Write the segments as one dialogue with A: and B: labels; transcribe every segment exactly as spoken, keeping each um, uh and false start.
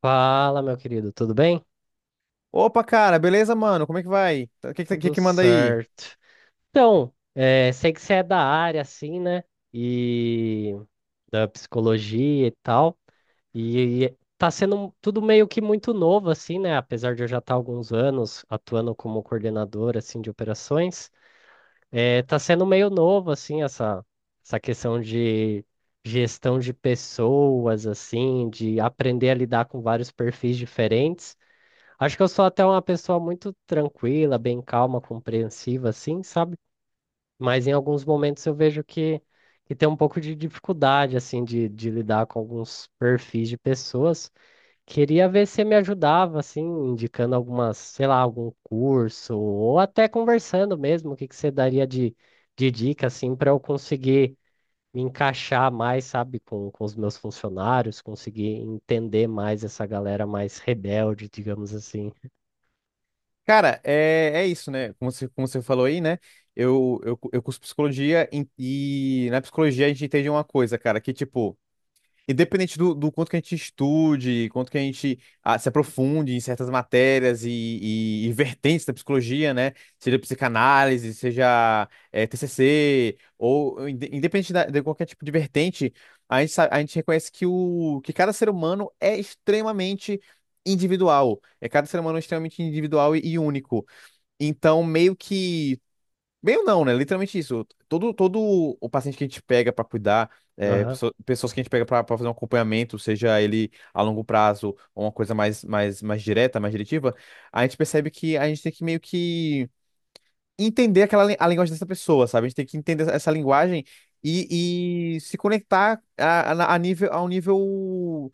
A: Fala, meu querido, tudo bem?
B: Opa, cara, beleza, mano? Como é que vai? O que, que, que
A: Tudo
B: que manda aí?
A: certo. Então, eh, sei que você é da área, assim, né? E da psicologia e tal. E, e tá sendo um, tudo meio que muito novo, assim, né? Apesar de eu já estar há alguns anos atuando como coordenador, assim, de operações, eh, tá sendo meio novo, assim, essa, essa questão de gestão de pessoas, assim, de aprender a lidar com vários perfis diferentes. Acho que eu sou até uma pessoa muito tranquila, bem calma, compreensiva, assim, sabe? Mas em alguns momentos eu vejo que, que tem um pouco de dificuldade, assim, de, de lidar com alguns perfis de pessoas. Queria ver se você me ajudava, assim, indicando algumas, sei lá, algum curso, ou até conversando mesmo, o que que você daria de, de dica, assim, para eu conseguir me encaixar mais, sabe, com, com os meus funcionários, conseguir entender mais essa galera mais rebelde, digamos assim.
B: Cara, é, é isso, né? Como você, como você falou aí, né? Eu, eu, eu curso psicologia em- e na psicologia a gente entende uma coisa, cara, que tipo, independente do, do quanto que a gente estude, quanto que a gente ah, se aprofunde em certas matérias e, e- e vertentes da psicologia, né? Seja psicanálise, seja eh, T C C, ou inde- independente da- de qualquer tipo de vertente, a gente, sa- a gente reconhece que, o, que cada ser humano é extremamente individual. É, cada ser humano é extremamente individual e, e único. Então, meio que bem ou não, né? Literalmente isso. Todo, todo o paciente que a gente pega para cuidar, é,
A: Aham.
B: pesso- pessoas que a gente pega para fazer um acompanhamento, seja ele a longo prazo ou uma coisa mais, mais, mais direta, mais diretiva, a gente percebe que a gente tem que meio que entender aquela, lin- a linguagem dessa pessoa, sabe? A gente tem que entender essa linguagem e, e se conectar a, a, a nível, a um nível,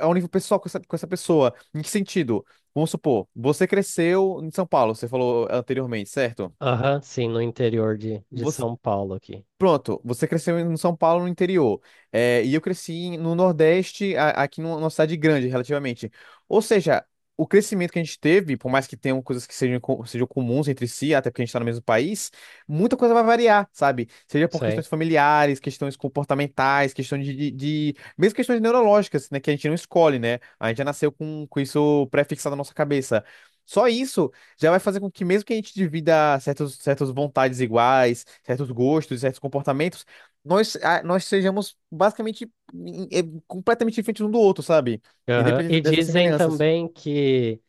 B: a um nível pessoal com essa, com essa pessoa. Em que sentido? Vamos supor, você cresceu em São Paulo, você falou anteriormente, certo?
A: Aham, sim, no interior de, de
B: Você-
A: São Paulo aqui.
B: Pronto, você cresceu em São Paulo, no interior. É, e eu cresci em- no Nordeste, a- aqui numa numa cidade grande, relativamente. Ou seja, o crescimento que a gente teve, por mais que tenham coisas que sejam, co- sejam comuns entre si, até porque a gente está no mesmo país, muita coisa vai variar, sabe? Seja por
A: Sei.
B: questões familiares, questões comportamentais, questões de, de, de- mesmo questões neurológicas, né? Que a gente não escolhe, né? A gente já nasceu com, com isso pré-fixado na nossa cabeça. Só isso já vai fazer com que, mesmo que a gente divida certos, certas vontades iguais, certos gostos, certos comportamentos, nós, ah, nós sejamos basicamente em- eh, completamente diferentes um do outro, sabe?
A: Aham. E
B: Independente dessas
A: dizem
B: semelhanças.
A: também que,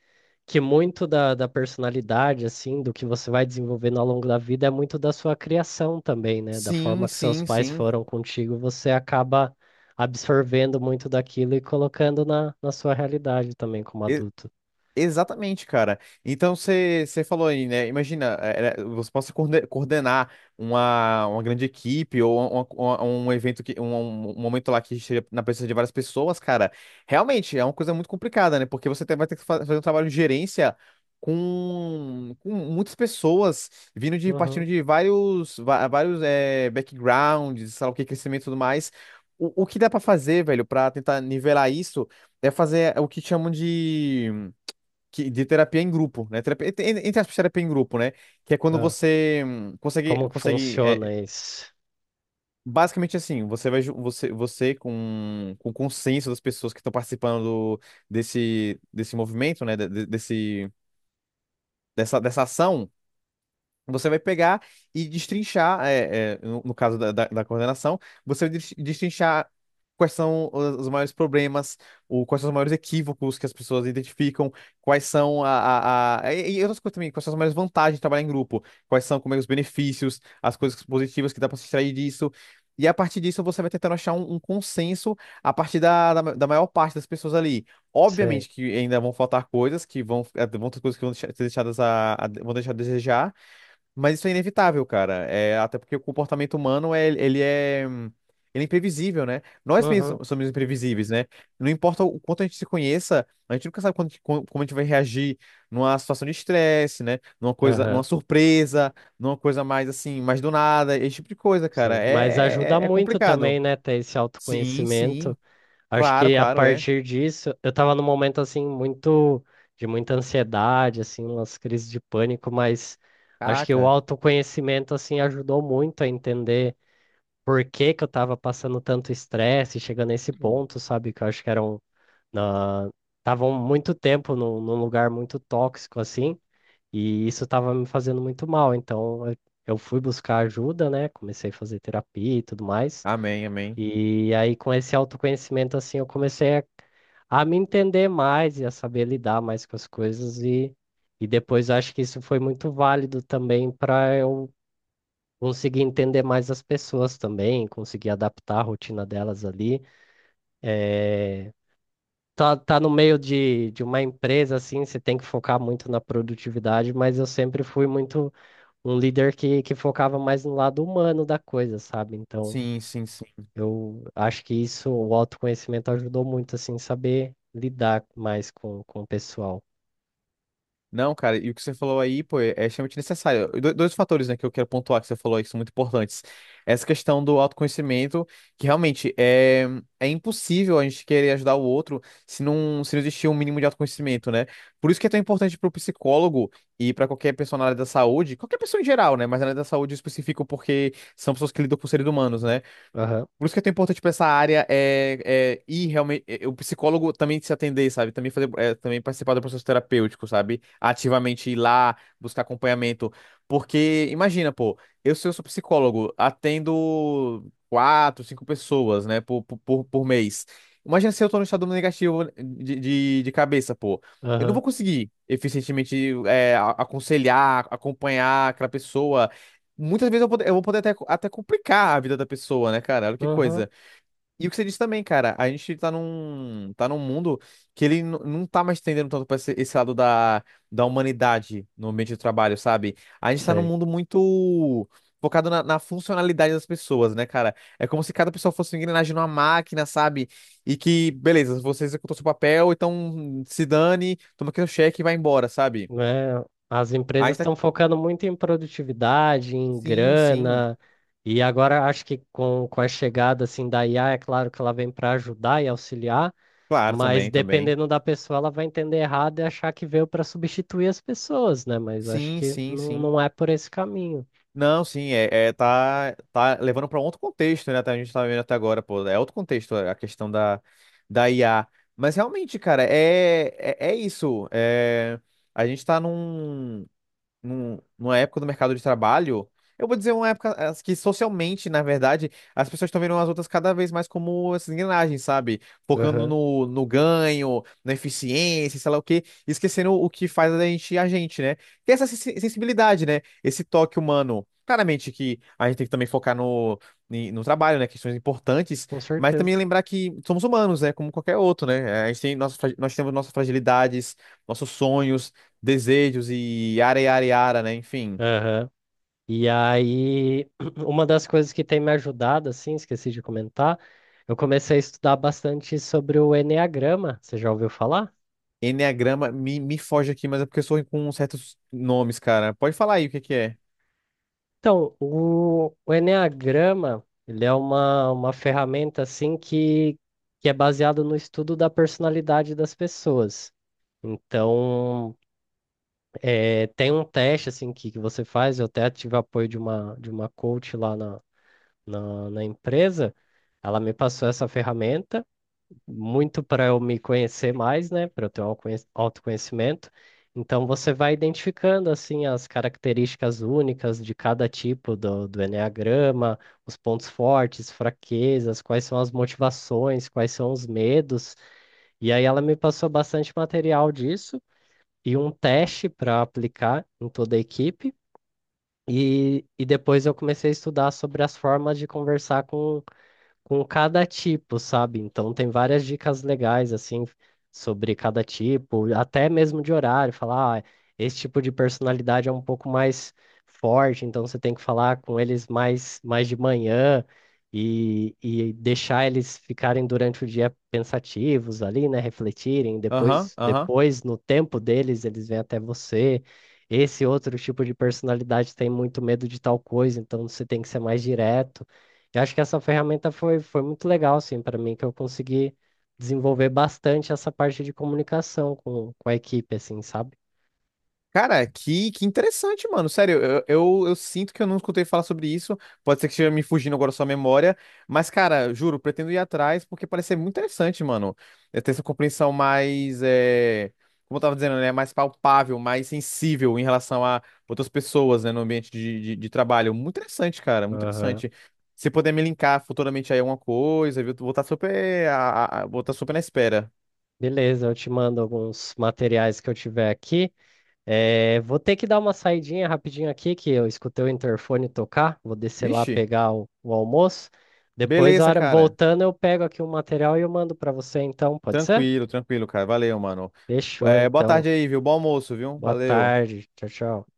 A: que muito da, da personalidade, assim, do que você vai desenvolvendo ao longo da vida é muito da sua criação também, né? Da
B: Sim,
A: forma que seus
B: sim,
A: pais
B: sim.
A: foram contigo, você acaba absorvendo muito daquilo e colocando na, na sua realidade também como adulto.
B: Exatamente, cara. Então você você falou aí, né? Imagina, é, é, você possa coorde- coordenar uma, uma grande equipe ou uma- uma- um evento que um, um um momento lá que esteja na presença de várias pessoas, cara. Realmente é uma coisa muito complicada, né? Porque você tem- vai ter que fa- fazer um trabalho de gerência com, com muitas pessoas vindo de partindo
A: Uhum.
B: de vários va- vários é, backgrounds, sei lá o que, crescimento e tudo mais. O, o que dá pra fazer, velho, pra tentar nivelar isso é fazer o que chamam de que- de terapia em grupo, né? Terapia, entre entre aspas, terapia em grupo, né? Que é quando
A: Ah,
B: você hum, consegue,
A: como que
B: consegue é,
A: funciona isso?
B: basicamente assim, você vai, ju- você, você com, com o consenso das pessoas que estão participando do- desse, desse movimento, né? de- de- Desse, dessa, dessa ação. Você vai pegar e destrinchar, é, é, no, no caso da, da, da coordenação, você vai des- destrinchar quais são os, os maiores problemas, ou quais são os maiores equívocos que as pessoas identificam, quais são a, a, a- E, e outras coisas também, quais são as maiores vantagens de trabalhar em grupo, quais são como é, os benefícios, as coisas positivas que dá para se extrair disso. E a partir disso, você vai tentando achar um, um consenso a partir da, da, ma- da maior parte das pessoas ali.
A: Sei.
B: Obviamente que ainda vão faltar coisas, que vão, eh, vão ter coisas que vão deixar- ser deixadas a, a- vão deixar a desejar, mas isso é inevitável, cara. É, até porque o comportamento humano, é, ele é, hum, ele é imprevisível, né? Nós mesmos
A: Uhum.
B: so-, somos imprevisíveis, né? Não importa o quanto a gente se conheça, a gente nunca sabe quando- como como a gente vai reagir numa situação de estresse, né? Numa coisa, numa
A: Aham.
B: surpresa, numa coisa mais assim, mais do nada, esse tipo de coisa, cara.
A: Sim. Mas
B: É,
A: ajuda
B: é, é
A: muito
B: complicado.
A: também, né, ter esse
B: Sim,
A: autoconhecimento.
B: sim.
A: Acho
B: Claro,
A: que a
B: claro, é.
A: partir disso, eu tava num momento assim muito de muita ansiedade, assim, umas crises de pânico, mas acho que o
B: Caraca.
A: autoconhecimento assim ajudou muito a entender por que que eu tava passando tanto estresse, chegando nesse ponto, sabe? Que eu acho que eram na estavam muito tempo num, num lugar muito tóxico assim, e isso tava me fazendo muito mal. Então, eu eu fui buscar ajuda, né? Comecei a fazer terapia e tudo mais.
B: Amém, amém.
A: E aí, com esse autoconhecimento, assim, eu comecei a, a me entender mais e a saber lidar mais com as coisas. E, e depois eu acho que isso foi muito válido também para eu conseguir entender mais as pessoas também, conseguir adaptar a rotina delas ali. Eh, tá, tá no meio de, de uma empresa, assim, você tem que focar muito na produtividade, mas eu sempre fui muito um líder que, que focava mais no lado humano da coisa, sabe? Então.
B: Sim, sim, sim.
A: Eu acho que isso, o autoconhecimento ajudou muito, assim, saber lidar mais com, com o pessoal.
B: Não, cara, e o que você falou aí, pô, é é extremamente necessário. do- Dois fatores, né, que eu quero pontuar que você falou aí, que são muito importantes. Essa questão do autoconhecimento, que realmente é, é impossível a gente querer ajudar o outro se não, se não existir um mínimo de autoconhecimento, né? Por isso que é tão importante para o psicólogo e para qualquer pessoa na área da saúde, qualquer pessoa em geral, né, mas na área da saúde eu especifico porque são pessoas que lidam com seres humanos, né?
A: Aham,
B: Por isso que é tão importante pra essa área é, é ir realmente. É, o psicólogo também se atender, sabe? Também fazer, é, também participar do processo terapêutico, sabe? Ativamente ir lá, buscar acompanhamento. Porque, imagina, pô, eu, se eu sou psicólogo, atendo quatro, cinco pessoas, né, por, por, por por mês. Imagina se eu tô no estado negativo de, de, de cabeça, pô. Eu não
A: aham,
B: vou conseguir eficientemente é, a- aconselhar, acompanhar aquela pessoa. Muitas vezes eu, vou- eu vou poder até, até complicar a vida da pessoa, né, cara? Olha que
A: aham,
B: coisa. E o que você disse também, cara, a gente tá num, tá num mundo que ele n- não tá mais tendendo tanto pra esse, esse lado da, da humanidade no ambiente de trabalho, sabe? A gente tá num
A: sei.
B: mundo muito focado na, na funcionalidade das pessoas, né, cara? É como se cada pessoa fosse uma engrenagem numa máquina, sabe? E que, beleza, você executou seu papel, então se dane, toma aqui o cheque e vai embora, sabe?
A: Né? As
B: A
A: empresas
B: gente tá.
A: estão focando muito em produtividade, em
B: Sim, sim.
A: grana, e agora acho que com, com a chegada, assim, da I A, é claro que ela vem para ajudar e auxiliar,
B: Claro,
A: mas
B: também, também.
A: dependendo da pessoa, ela vai entender errado e achar que veio para substituir as pessoas, né? Mas acho
B: Sim,
A: que
B: sim,
A: não,
B: sim.
A: não é por esse caminho.
B: Não, sim, é, é tá, tá levando para outro contexto, né? até A gente tá vendo até agora, pô, é outro contexto a questão da, da I A. Mas realmente, cara, é, é, é isso. É, a gente tá num num- numa época do mercado de trabalho, eu vou dizer uma época as que socialmente, na verdade, as pessoas estão vendo as outras cada vez mais como essas engrenagens, sabe? Focando
A: Aham,
B: no, no ganho, na eficiência, sei lá o quê, e esquecendo o que faz a gente a gente, né? Tem essa sensi- sensibilidade, né? Esse toque humano. Claramente que a gente tem que também focar no, em- no trabalho, né? Questões importantes,
A: com
B: mas também
A: certeza.
B: lembrar que somos humanos, né? Como qualquer outro, né? A gente tem nossa, fra- nós temos nossas fragilidades, nossos sonhos desejos e yara, yara, yara, né? Enfim,
A: Aham. E aí, uma das coisas que tem me ajudado, assim, esqueci de comentar, eu comecei a estudar bastante sobre o enneagrama. Você já ouviu falar?
B: enneagrama me, me foge aqui, mas é porque eu sou ruim com certos nomes, cara. Pode falar aí o que que é.
A: Então, o, o enneagrama, ele é uma, uma ferramenta, assim, que, que é baseado no estudo da personalidade das pessoas. Então, é, tem um teste, assim, que, que você faz, eu até tive apoio de uma, de uma coach lá na, na na empresa, ela me passou essa ferramenta muito para eu me conhecer mais, né? Para eu ter um alconhe- autoconhecimento. Então você vai identificando assim as características únicas de cada tipo do, do enneagrama, os pontos fortes, fraquezas, quais são as motivações, quais são os medos. E aí ela me passou bastante material disso e um teste para aplicar em toda a equipe. E, e depois eu comecei a estudar sobre as formas de conversar com com cada tipo, sabe? Então tem várias dicas legais assim sobre cada tipo, até mesmo de horário, falar, ah, esse tipo de personalidade é um pouco mais forte, então você tem que falar com eles mais mais de manhã e, e deixar eles ficarem durante o dia pensativos ali, né, refletirem,
B: Aham,
A: depois
B: aham.
A: depois no tempo deles eles vêm até você. Esse outro tipo de personalidade tem muito medo de tal coisa, então você tem que ser mais direto. Eu acho que essa ferramenta foi, foi muito legal, assim, para mim, que eu consegui desenvolver bastante essa parte de comunicação com, com a equipe, assim, sabe?
B: Cara, que, que interessante, mano. Sério, eu, eu, eu sinto que eu não escutei falar sobre isso. Pode ser que esteja me fugindo agora sua memória. Mas, cara, juro, pretendo ir atrás porque parece ser muito interessante, mano. É ter essa compreensão mais. É, como eu tava dizendo, né? Mais palpável, mais sensível em relação a outras pessoas, né? No ambiente de, de, de trabalho. Muito interessante, cara. Muito
A: Aham.
B: interessante. Se puder me linkar futuramente aí alguma coisa, viu? Vou estar super. a- a- a- Vou estar super na espera.
A: Beleza, eu te mando alguns materiais que eu tiver aqui. Eh, vou ter que dar uma saidinha rapidinho aqui, que eu escutei o interfone tocar. Vou descer lá
B: Vixe,
A: pegar o, o almoço. Depois, a
B: beleza,
A: hora
B: cara.
A: voltando, eu pego aqui o material e eu mando para você, então, pode ser?
B: Tranquilo, tranquilo, cara. Valeu, mano.
A: Fechou,
B: É, boa
A: então.
B: tarde aí, viu? Bom almoço, viu?
A: Boa
B: Valeu.
A: tarde. Tchau, tchau.